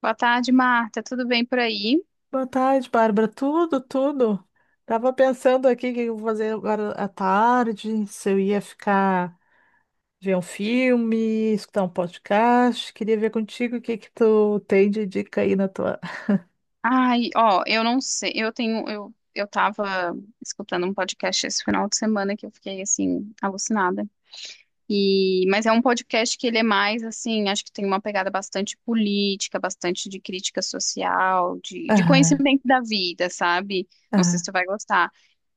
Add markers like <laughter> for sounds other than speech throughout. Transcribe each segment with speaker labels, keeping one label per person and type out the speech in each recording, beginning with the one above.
Speaker 1: Boa tarde, Marta. Tudo bem por aí?
Speaker 2: Boa tarde, Bárbara. Tudo, tudo. Tava pensando aqui o que eu vou fazer agora à tarde, se eu ia ficar ver um filme, escutar um podcast. Queria ver contigo o que que tu tem de dica aí na tua.
Speaker 1: Ai, ó, eu não sei. Eu tava escutando um podcast esse final de semana que eu fiquei assim alucinada. Mas é um podcast que ele é mais assim, acho que tem uma pegada bastante política, bastante de crítica social, de,
Speaker 2: <laughs>
Speaker 1: de
Speaker 2: Aham,
Speaker 1: conhecimento da vida, sabe? Não sei se
Speaker 2: aham.
Speaker 1: tu vai gostar.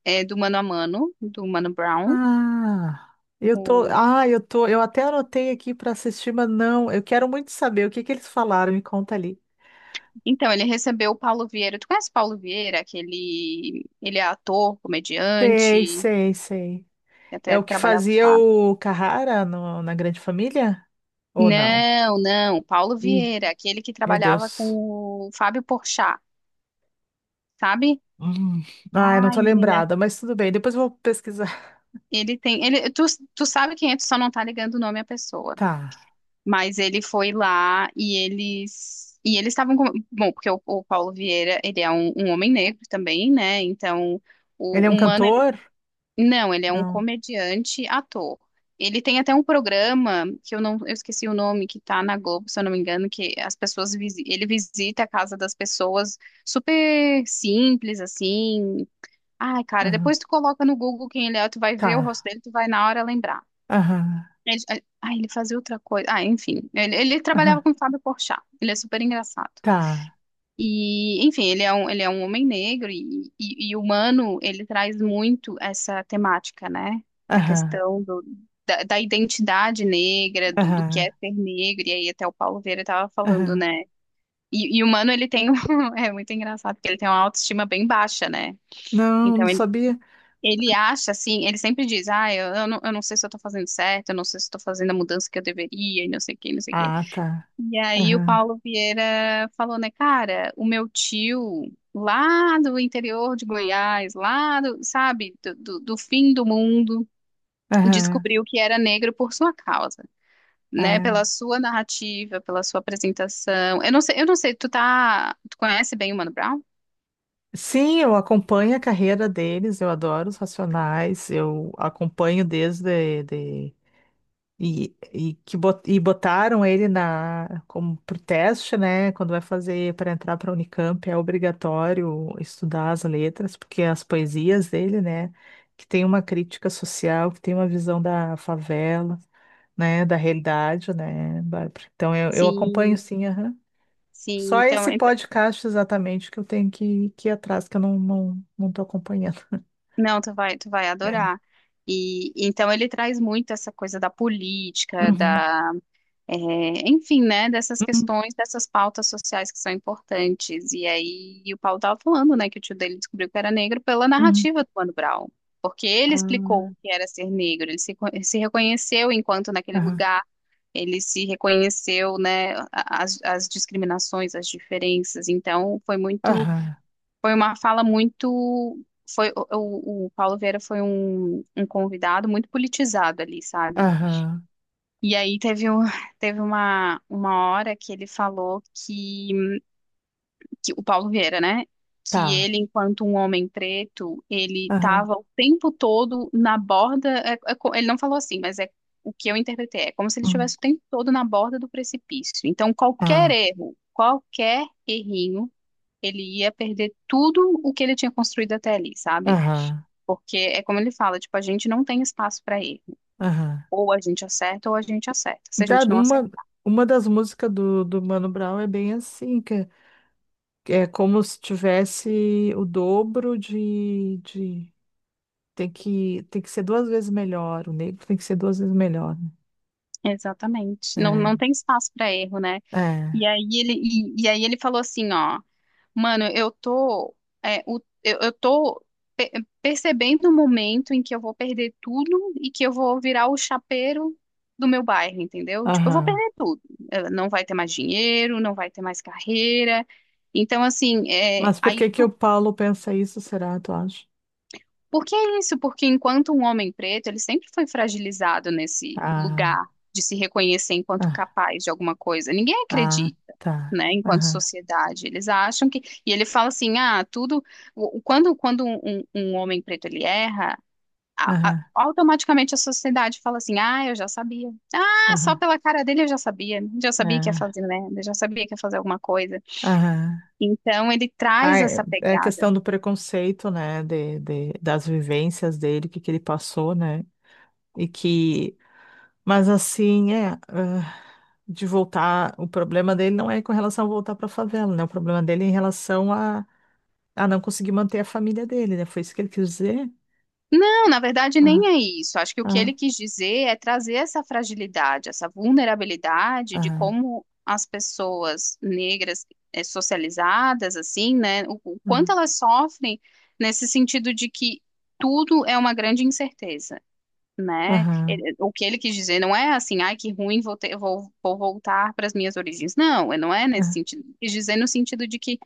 Speaker 1: É do Mano a Mano, do Mano Brown.
Speaker 2: Ah, eu tô,
Speaker 1: O-
Speaker 2: ah, eu tô, eu até anotei aqui para assistir, mas não, eu quero muito saber o que que eles falaram, me conta ali.
Speaker 1: Então, ele recebeu o Paulo Vieira. Tu conhece o Paulo Vieira? Aquele, ele é ator,
Speaker 2: Sei,
Speaker 1: comediante.
Speaker 2: sei, sei.
Speaker 1: Eu
Speaker 2: É
Speaker 1: até
Speaker 2: o que
Speaker 1: trabalhava com o
Speaker 2: fazia
Speaker 1: Fábio.
Speaker 2: o Carrara na Grande Família? Ou não?
Speaker 1: Não, não, Paulo
Speaker 2: Ih,
Speaker 1: Vieira, aquele que
Speaker 2: meu
Speaker 1: trabalhava
Speaker 2: Deus.
Speaker 1: com o Fábio Porchat, sabe?
Speaker 2: Hum. Ai, não tô
Speaker 1: Ai, menina,
Speaker 2: lembrada, mas tudo bem. Depois eu vou pesquisar. <laughs>
Speaker 1: ele tem, ele, tu, tu sabe quem é, tu só não tá ligando o nome à pessoa.
Speaker 2: Tá.
Speaker 1: Mas ele foi lá e eles estavam com, bom, porque o Paulo Vieira, ele é um homem negro também, né? Então,
Speaker 2: Ele é
Speaker 1: o,
Speaker 2: um
Speaker 1: o mano
Speaker 2: cantor?
Speaker 1: Não, ele é um
Speaker 2: Não.
Speaker 1: comediante ator. Ele tem até um programa que eu não, eu esqueci o nome, que tá na Globo, se eu não me engano, que as pessoas ele visita a casa das pessoas super simples assim. Ai, cara,
Speaker 2: Aham.
Speaker 1: depois tu coloca no Google quem ele é, tu vai ver o rosto
Speaker 2: Tá.
Speaker 1: dele, tu vai na hora lembrar.
Speaker 2: Aham.
Speaker 1: Ele, ah, ele fazia outra coisa. Ah, enfim, ele
Speaker 2: Aham.
Speaker 1: trabalhava com o Fábio Porchat. Ele é super engraçado.
Speaker 2: Tá.
Speaker 1: E, enfim, ele é um homem negro e humano, ele traz muito essa temática, né? Da
Speaker 2: Aham.
Speaker 1: questão do, da identidade negra, do que
Speaker 2: Aham.
Speaker 1: é ser negro, e aí até o Paulo Vieira estava falando,
Speaker 2: Aham.
Speaker 1: né? E o Mano, <laughs> é muito engraçado, porque ele tem uma autoestima bem baixa, né?
Speaker 2: Não, não
Speaker 1: Então,
Speaker 2: sabia.
Speaker 1: ele acha, assim, ele sempre diz, ah, eu não sei se eu tô fazendo certo, eu não sei se estou fazendo a mudança que eu deveria, e não sei o que, não sei o que.
Speaker 2: Ah, tá.
Speaker 1: E aí o
Speaker 2: Aham.
Speaker 1: Paulo Vieira falou, né, cara, o meu tio lá do interior de Goiás, lá do, sabe, do fim do mundo,
Speaker 2: Aham.
Speaker 1: descobriu que era negro por sua causa, né, pela
Speaker 2: É.
Speaker 1: sua narrativa, pela sua apresentação. Eu não sei, tu tá, tu conhece bem o Mano Brown?
Speaker 2: Sim, eu acompanho a carreira deles, eu adoro os Racionais, eu acompanho desde de, E que e botaram ele na como pro teste, né? Quando vai fazer para entrar para a Unicamp é obrigatório estudar as letras, porque as poesias dele, né? Que tem uma crítica social, que tem uma visão da favela, né? Da realidade, né, Bárbara? Então eu acompanho,
Speaker 1: Sim,
Speaker 2: sim, aham.
Speaker 1: sim,
Speaker 2: Só
Speaker 1: então,
Speaker 2: esse
Speaker 1: ent-
Speaker 2: podcast exatamente que eu tenho que ir atrás, que eu não tô acompanhando. <laughs>
Speaker 1: não, tu vai
Speaker 2: É.
Speaker 1: adorar. E então ele traz muito essa coisa da política,
Speaker 2: Uhum,
Speaker 1: da É, enfim, né, dessas
Speaker 2: uhum,
Speaker 1: questões, dessas pautas sociais que são importantes. E aí o Paulo estava falando, né, que o tio dele descobriu que era negro pela
Speaker 2: uhum.
Speaker 1: narrativa do Mano Brown, porque ele explicou
Speaker 2: Ah,
Speaker 1: o que era ser negro, ele se, co- se reconheceu enquanto naquele
Speaker 2: aham,
Speaker 1: lugar, ele se reconheceu, né, as, as discriminações, as diferenças. Então foi muito,
Speaker 2: aham,
Speaker 1: foi uma fala muito foi o Paulo Vieira foi um convidado muito politizado ali, sabe?
Speaker 2: aham.
Speaker 1: E aí <laughs> teve uma hora que ele falou que o Paulo Vieira, né? Que
Speaker 2: Tá.
Speaker 1: ele, enquanto um homem preto, ele
Speaker 2: Aham.
Speaker 1: estava o tempo todo na borda. Ele não falou assim, mas é o que eu interpretei. É como se ele
Speaker 2: Hum,
Speaker 1: estivesse o tempo todo na borda do precipício. Então,
Speaker 2: ah,
Speaker 1: qualquer erro, qualquer errinho, ele ia perder tudo o que ele tinha construído até ali, sabe?
Speaker 2: aham.
Speaker 1: Porque é como ele fala, tipo, a gente não tem espaço para erro.
Speaker 2: Aham.
Speaker 1: Ou a gente acerta ou a gente acerta. Se a
Speaker 2: Tá,
Speaker 1: gente não
Speaker 2: uma,
Speaker 1: acertar,
Speaker 2: uma das músicas do Mano Brown é bem assim, que é como se tivesse o dobro de... Tem que ser duas vezes melhor, o negro tem que ser duas vezes melhor,
Speaker 1: Exatamente. Não,
Speaker 2: né?
Speaker 1: não tem espaço para erro, né?
Speaker 2: É,
Speaker 1: E aí ele falou assim, ó, mano, eu tô pe- percebendo o momento em que eu vou perder tudo e que eu vou virar o chapeiro do meu bairro, entendeu? Tipo, eu vou
Speaker 2: aham.
Speaker 1: perder tudo. Não vai ter mais dinheiro, não vai ter mais carreira. Então, assim, é,
Speaker 2: Mas por que que o Paulo pensa isso, será, tu acha?
Speaker 1: por que isso? Porque enquanto um homem preto, ele sempre foi fragilizado nesse lugar
Speaker 2: Ah,
Speaker 1: de se reconhecer enquanto
Speaker 2: ah,
Speaker 1: capaz de alguma coisa. Ninguém
Speaker 2: ah,
Speaker 1: acredita,
Speaker 2: tá.
Speaker 1: né, enquanto
Speaker 2: Aham,
Speaker 1: sociedade. Eles acham que. E ele fala assim: ah, tudo. Quando, quando um homem preto ele erra,
Speaker 2: aham,
Speaker 1: automaticamente a sociedade fala assim: ah, eu já sabia. Ah, só
Speaker 2: aham,
Speaker 1: pela cara dele eu já sabia. Já sabia que ia
Speaker 2: é,
Speaker 1: fazer merda, já sabia que ia fazer alguma coisa.
Speaker 2: aham.
Speaker 1: Então ele
Speaker 2: Ah,
Speaker 1: traz
Speaker 2: é
Speaker 1: essa
Speaker 2: é a
Speaker 1: pegada.
Speaker 2: questão do preconceito, né, de, das vivências dele, o que ele passou, né, e que, mas assim, é, ah, de voltar, o problema dele não é com relação a voltar para a favela, né, o problema dele é em relação a não conseguir manter a família dele, né, foi isso que ele quis dizer?
Speaker 1: Não, na verdade
Speaker 2: Ah,
Speaker 1: nem é isso. Acho que o que
Speaker 2: ah,
Speaker 1: ele quis dizer é trazer essa fragilidade, essa vulnerabilidade de
Speaker 2: ah,
Speaker 1: como as pessoas negras socializadas, assim, né, o
Speaker 2: ah,
Speaker 1: quanto elas sofrem nesse sentido de que tudo é uma grande incerteza, né?
Speaker 2: aham,
Speaker 1: O que ele quis dizer não é assim, ai, que ruim, vou voltar para as minhas origens. Não, não é nesse
Speaker 2: ah,
Speaker 1: sentido. Ele quis dizer no sentido de que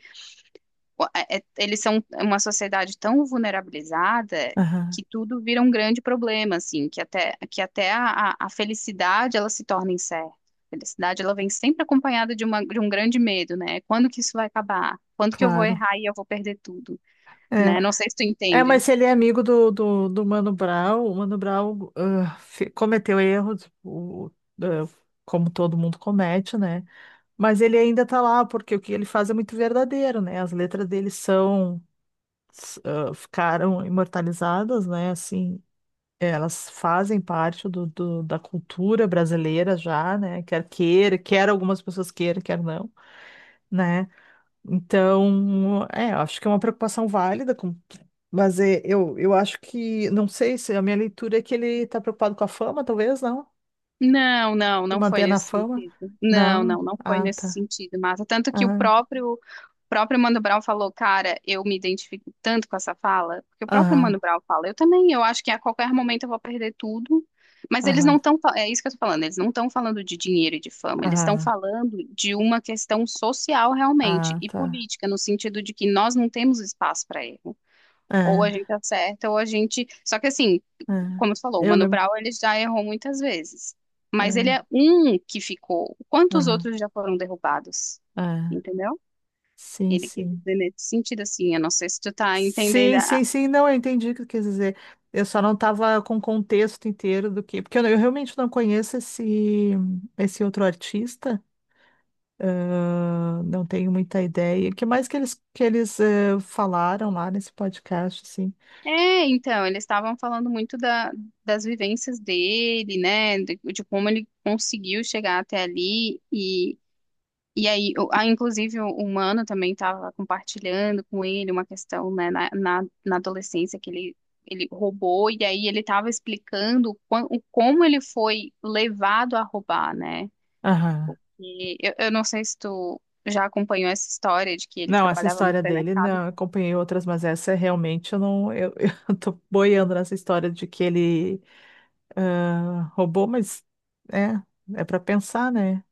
Speaker 1: eles são uma sociedade tão vulnerabilizada
Speaker 2: aham,
Speaker 1: que tudo vira um grande problema, assim, que até a felicidade ela se torna incerta. A felicidade ela vem sempre acompanhada de, de um grande medo, né? Quando que isso vai acabar? Quando que eu vou
Speaker 2: claro,
Speaker 1: errar e eu vou perder tudo,
Speaker 2: é.
Speaker 1: né? Não sei se tu
Speaker 2: É,
Speaker 1: entende.
Speaker 2: mas se ele é amigo do, do Mano Brown, o Mano Brown cometeu erros, ah, como todo mundo comete, né? Mas ele ainda tá lá, porque o que ele faz é muito verdadeiro, né? As letras dele ficaram imortalizadas, né? Assim, elas fazem parte do, da cultura brasileira já, né? Quer queira, quer algumas pessoas queiram, quer não, né? Então, é, acho que é uma preocupação válida, mas é, eu acho que, não sei se a minha leitura é que ele está preocupado com a fama, talvez, não?
Speaker 1: Não, não,
Speaker 2: E
Speaker 1: não foi
Speaker 2: manter na
Speaker 1: nesse
Speaker 2: fama?
Speaker 1: sentido. Não,
Speaker 2: Não.
Speaker 1: não, não foi
Speaker 2: Ah,
Speaker 1: nesse
Speaker 2: tá.
Speaker 1: sentido, Marta. Tanto que o
Speaker 2: Ah,
Speaker 1: próprio próprio Mano Brown falou, cara, eu me identifico tanto com essa fala, porque o próprio Mano
Speaker 2: aham,
Speaker 1: Brown fala, eu também, eu acho que a qualquer momento eu vou perder tudo, mas eles não
Speaker 2: aham,
Speaker 1: estão, é isso que eu tô falando, eles não estão falando de dinheiro e de fama, eles estão
Speaker 2: aham,
Speaker 1: falando de uma questão social realmente
Speaker 2: ah,
Speaker 1: e
Speaker 2: tá.
Speaker 1: política, no sentido de que nós não temos espaço para erro. Ou a gente
Speaker 2: Ah,
Speaker 1: acerta, ou a gente. Só que assim,
Speaker 2: ah.
Speaker 1: como você falou, o
Speaker 2: Eu
Speaker 1: Mano
Speaker 2: lembro.
Speaker 1: Brown ele já errou muitas vezes. Mas ele é
Speaker 2: Ah,
Speaker 1: um que ficou. Quantos
Speaker 2: aham,
Speaker 1: outros já foram derrubados?
Speaker 2: ah.
Speaker 1: Entendeu?
Speaker 2: Sim,
Speaker 1: Ele quis
Speaker 2: sim.
Speaker 1: dizer nesse sentido, assim, eu não sei se tu tá entendendo.
Speaker 2: Sim, sim, sim, não, eu entendi o que tu quis dizer. Eu só não estava com o contexto inteiro do que, porque eu realmente não conheço esse, outro artista. Ah, não tenho muita ideia. O que mais que eles falaram lá nesse podcast, assim?
Speaker 1: É, então, eles estavam falando muito das vivências dele, né, de como ele conseguiu chegar até ali, ah, inclusive, o humano também estava compartilhando com ele uma questão, né, na adolescência que ele roubou, e aí ele estava explicando o como ele foi levado a roubar, né,
Speaker 2: Aham.
Speaker 1: e eu não sei se tu já acompanhou essa história de que ele
Speaker 2: Não, essa
Speaker 1: trabalhava no
Speaker 2: história dele,
Speaker 1: supermercado.
Speaker 2: não, eu acompanhei outras, mas essa é realmente eu não, eu, <laughs> eu tô boiando nessa história de que ele roubou, mas é, é para pensar, né?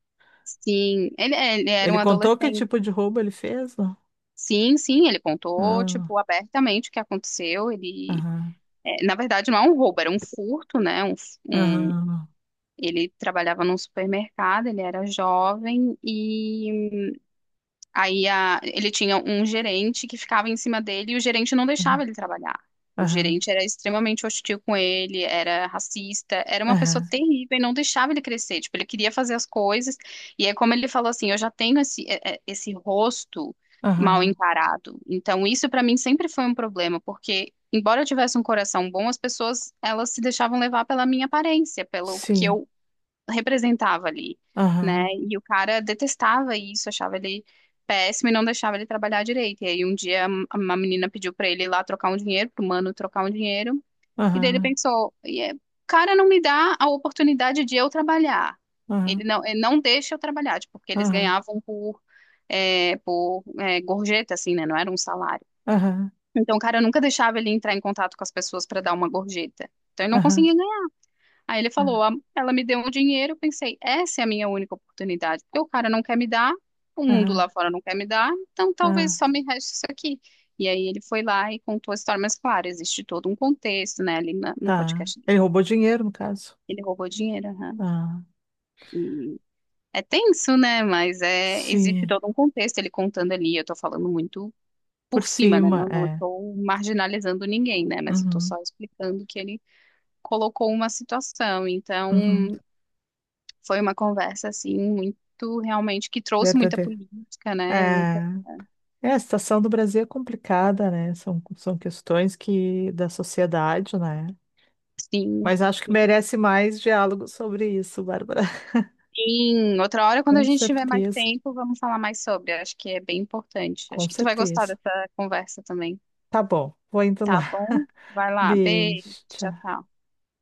Speaker 1: Sim, ele, é, ele era um
Speaker 2: Ele contou que
Speaker 1: adolescente.
Speaker 2: tipo de roubo ele fez? Não?
Speaker 1: Sim, sim, ele contou,
Speaker 2: Ah,
Speaker 1: tipo, abertamente o que aconteceu.
Speaker 2: aham,
Speaker 1: Na verdade, não é um roubo, era um furto, né?
Speaker 2: aham,
Speaker 1: Ele trabalhava num supermercado, ele era jovem. Ele tinha um gerente que ficava em cima dele e o gerente não deixava
Speaker 2: aham,
Speaker 1: ele trabalhar. O
Speaker 2: aham,
Speaker 1: gerente era extremamente hostil com ele, era racista, era uma pessoa
Speaker 2: aham,
Speaker 1: terrível e não deixava ele crescer. Tipo, ele queria fazer as coisas. E é como ele falou assim: eu já tenho esse, esse rosto mal
Speaker 2: aham,
Speaker 1: encarado. Então, isso pra mim sempre foi um problema, porque. Embora eu tivesse um coração bom, as pessoas elas se deixavam levar pela minha aparência, pelo que
Speaker 2: sim,
Speaker 1: eu representava ali, né?
Speaker 2: aham,
Speaker 1: E o cara detestava isso, achava ele péssimo e não deixava ele trabalhar direito. E aí um dia uma menina pediu pra ele ir lá trocar um dinheiro, pro mano trocar um dinheiro, e daí ele
Speaker 2: aham,
Speaker 1: pensou, "E o cara não me dá a oportunidade de eu trabalhar.
Speaker 2: aham,
Speaker 1: Ele não deixa eu trabalhar, tipo, porque eles
Speaker 2: aham,
Speaker 1: ganhavam por é, gorjeta, assim, né? Não era um salário.
Speaker 2: aham,
Speaker 1: Então, o cara nunca deixava ele entrar em contato com as pessoas para dar uma gorjeta. Então, ele não
Speaker 2: aham.
Speaker 1: conseguia. Aí ele falou,
Speaker 2: Ah,
Speaker 1: Ela me deu um dinheiro, eu pensei, essa é a minha única oportunidade, porque o cara não quer me dar, o mundo lá
Speaker 2: ah,
Speaker 1: fora não quer me dar, então talvez
Speaker 2: ah,
Speaker 1: só me reste isso aqui. E aí ele foi lá e contou a história, mas claro, existe todo um contexto, né, no
Speaker 2: tá.
Speaker 1: podcast. Dele.
Speaker 2: Ele roubou dinheiro, no caso.
Speaker 1: Ele roubou dinheiro, aham.
Speaker 2: Ah,
Speaker 1: E é tenso, né, mas é, existe
Speaker 2: sim.
Speaker 1: todo um contexto, ele contando ali, eu tô falando muito
Speaker 2: Por
Speaker 1: por cima, né,
Speaker 2: cima,
Speaker 1: não, não
Speaker 2: é.
Speaker 1: estou marginalizando ninguém, né, mas eu tô
Speaker 2: Uhum,
Speaker 1: só explicando que ele colocou uma situação,
Speaker 2: uhum.
Speaker 1: então... Foi uma conversa, assim, muito, realmente, que trouxe muita
Speaker 2: Verdadeiro.
Speaker 1: política, né? Muita,
Speaker 2: É, é, a situação do Brasil é complicada, né? São questões que da sociedade, né?
Speaker 1: sim.
Speaker 2: Mas acho que merece mais diálogo sobre isso, Bárbara. <laughs>
Speaker 1: Sim, outra hora, quando a
Speaker 2: Com
Speaker 1: gente tiver mais
Speaker 2: certeza,
Speaker 1: tempo, vamos falar mais sobre. Acho que é bem importante.
Speaker 2: com
Speaker 1: Acho que tu vai gostar
Speaker 2: certeza.
Speaker 1: dessa conversa também.
Speaker 2: Tá bom, vou indo lá.
Speaker 1: Tá bom? Vai lá, beijo,
Speaker 2: Beijo,
Speaker 1: tchau,
Speaker 2: tchau.
Speaker 1: tchau.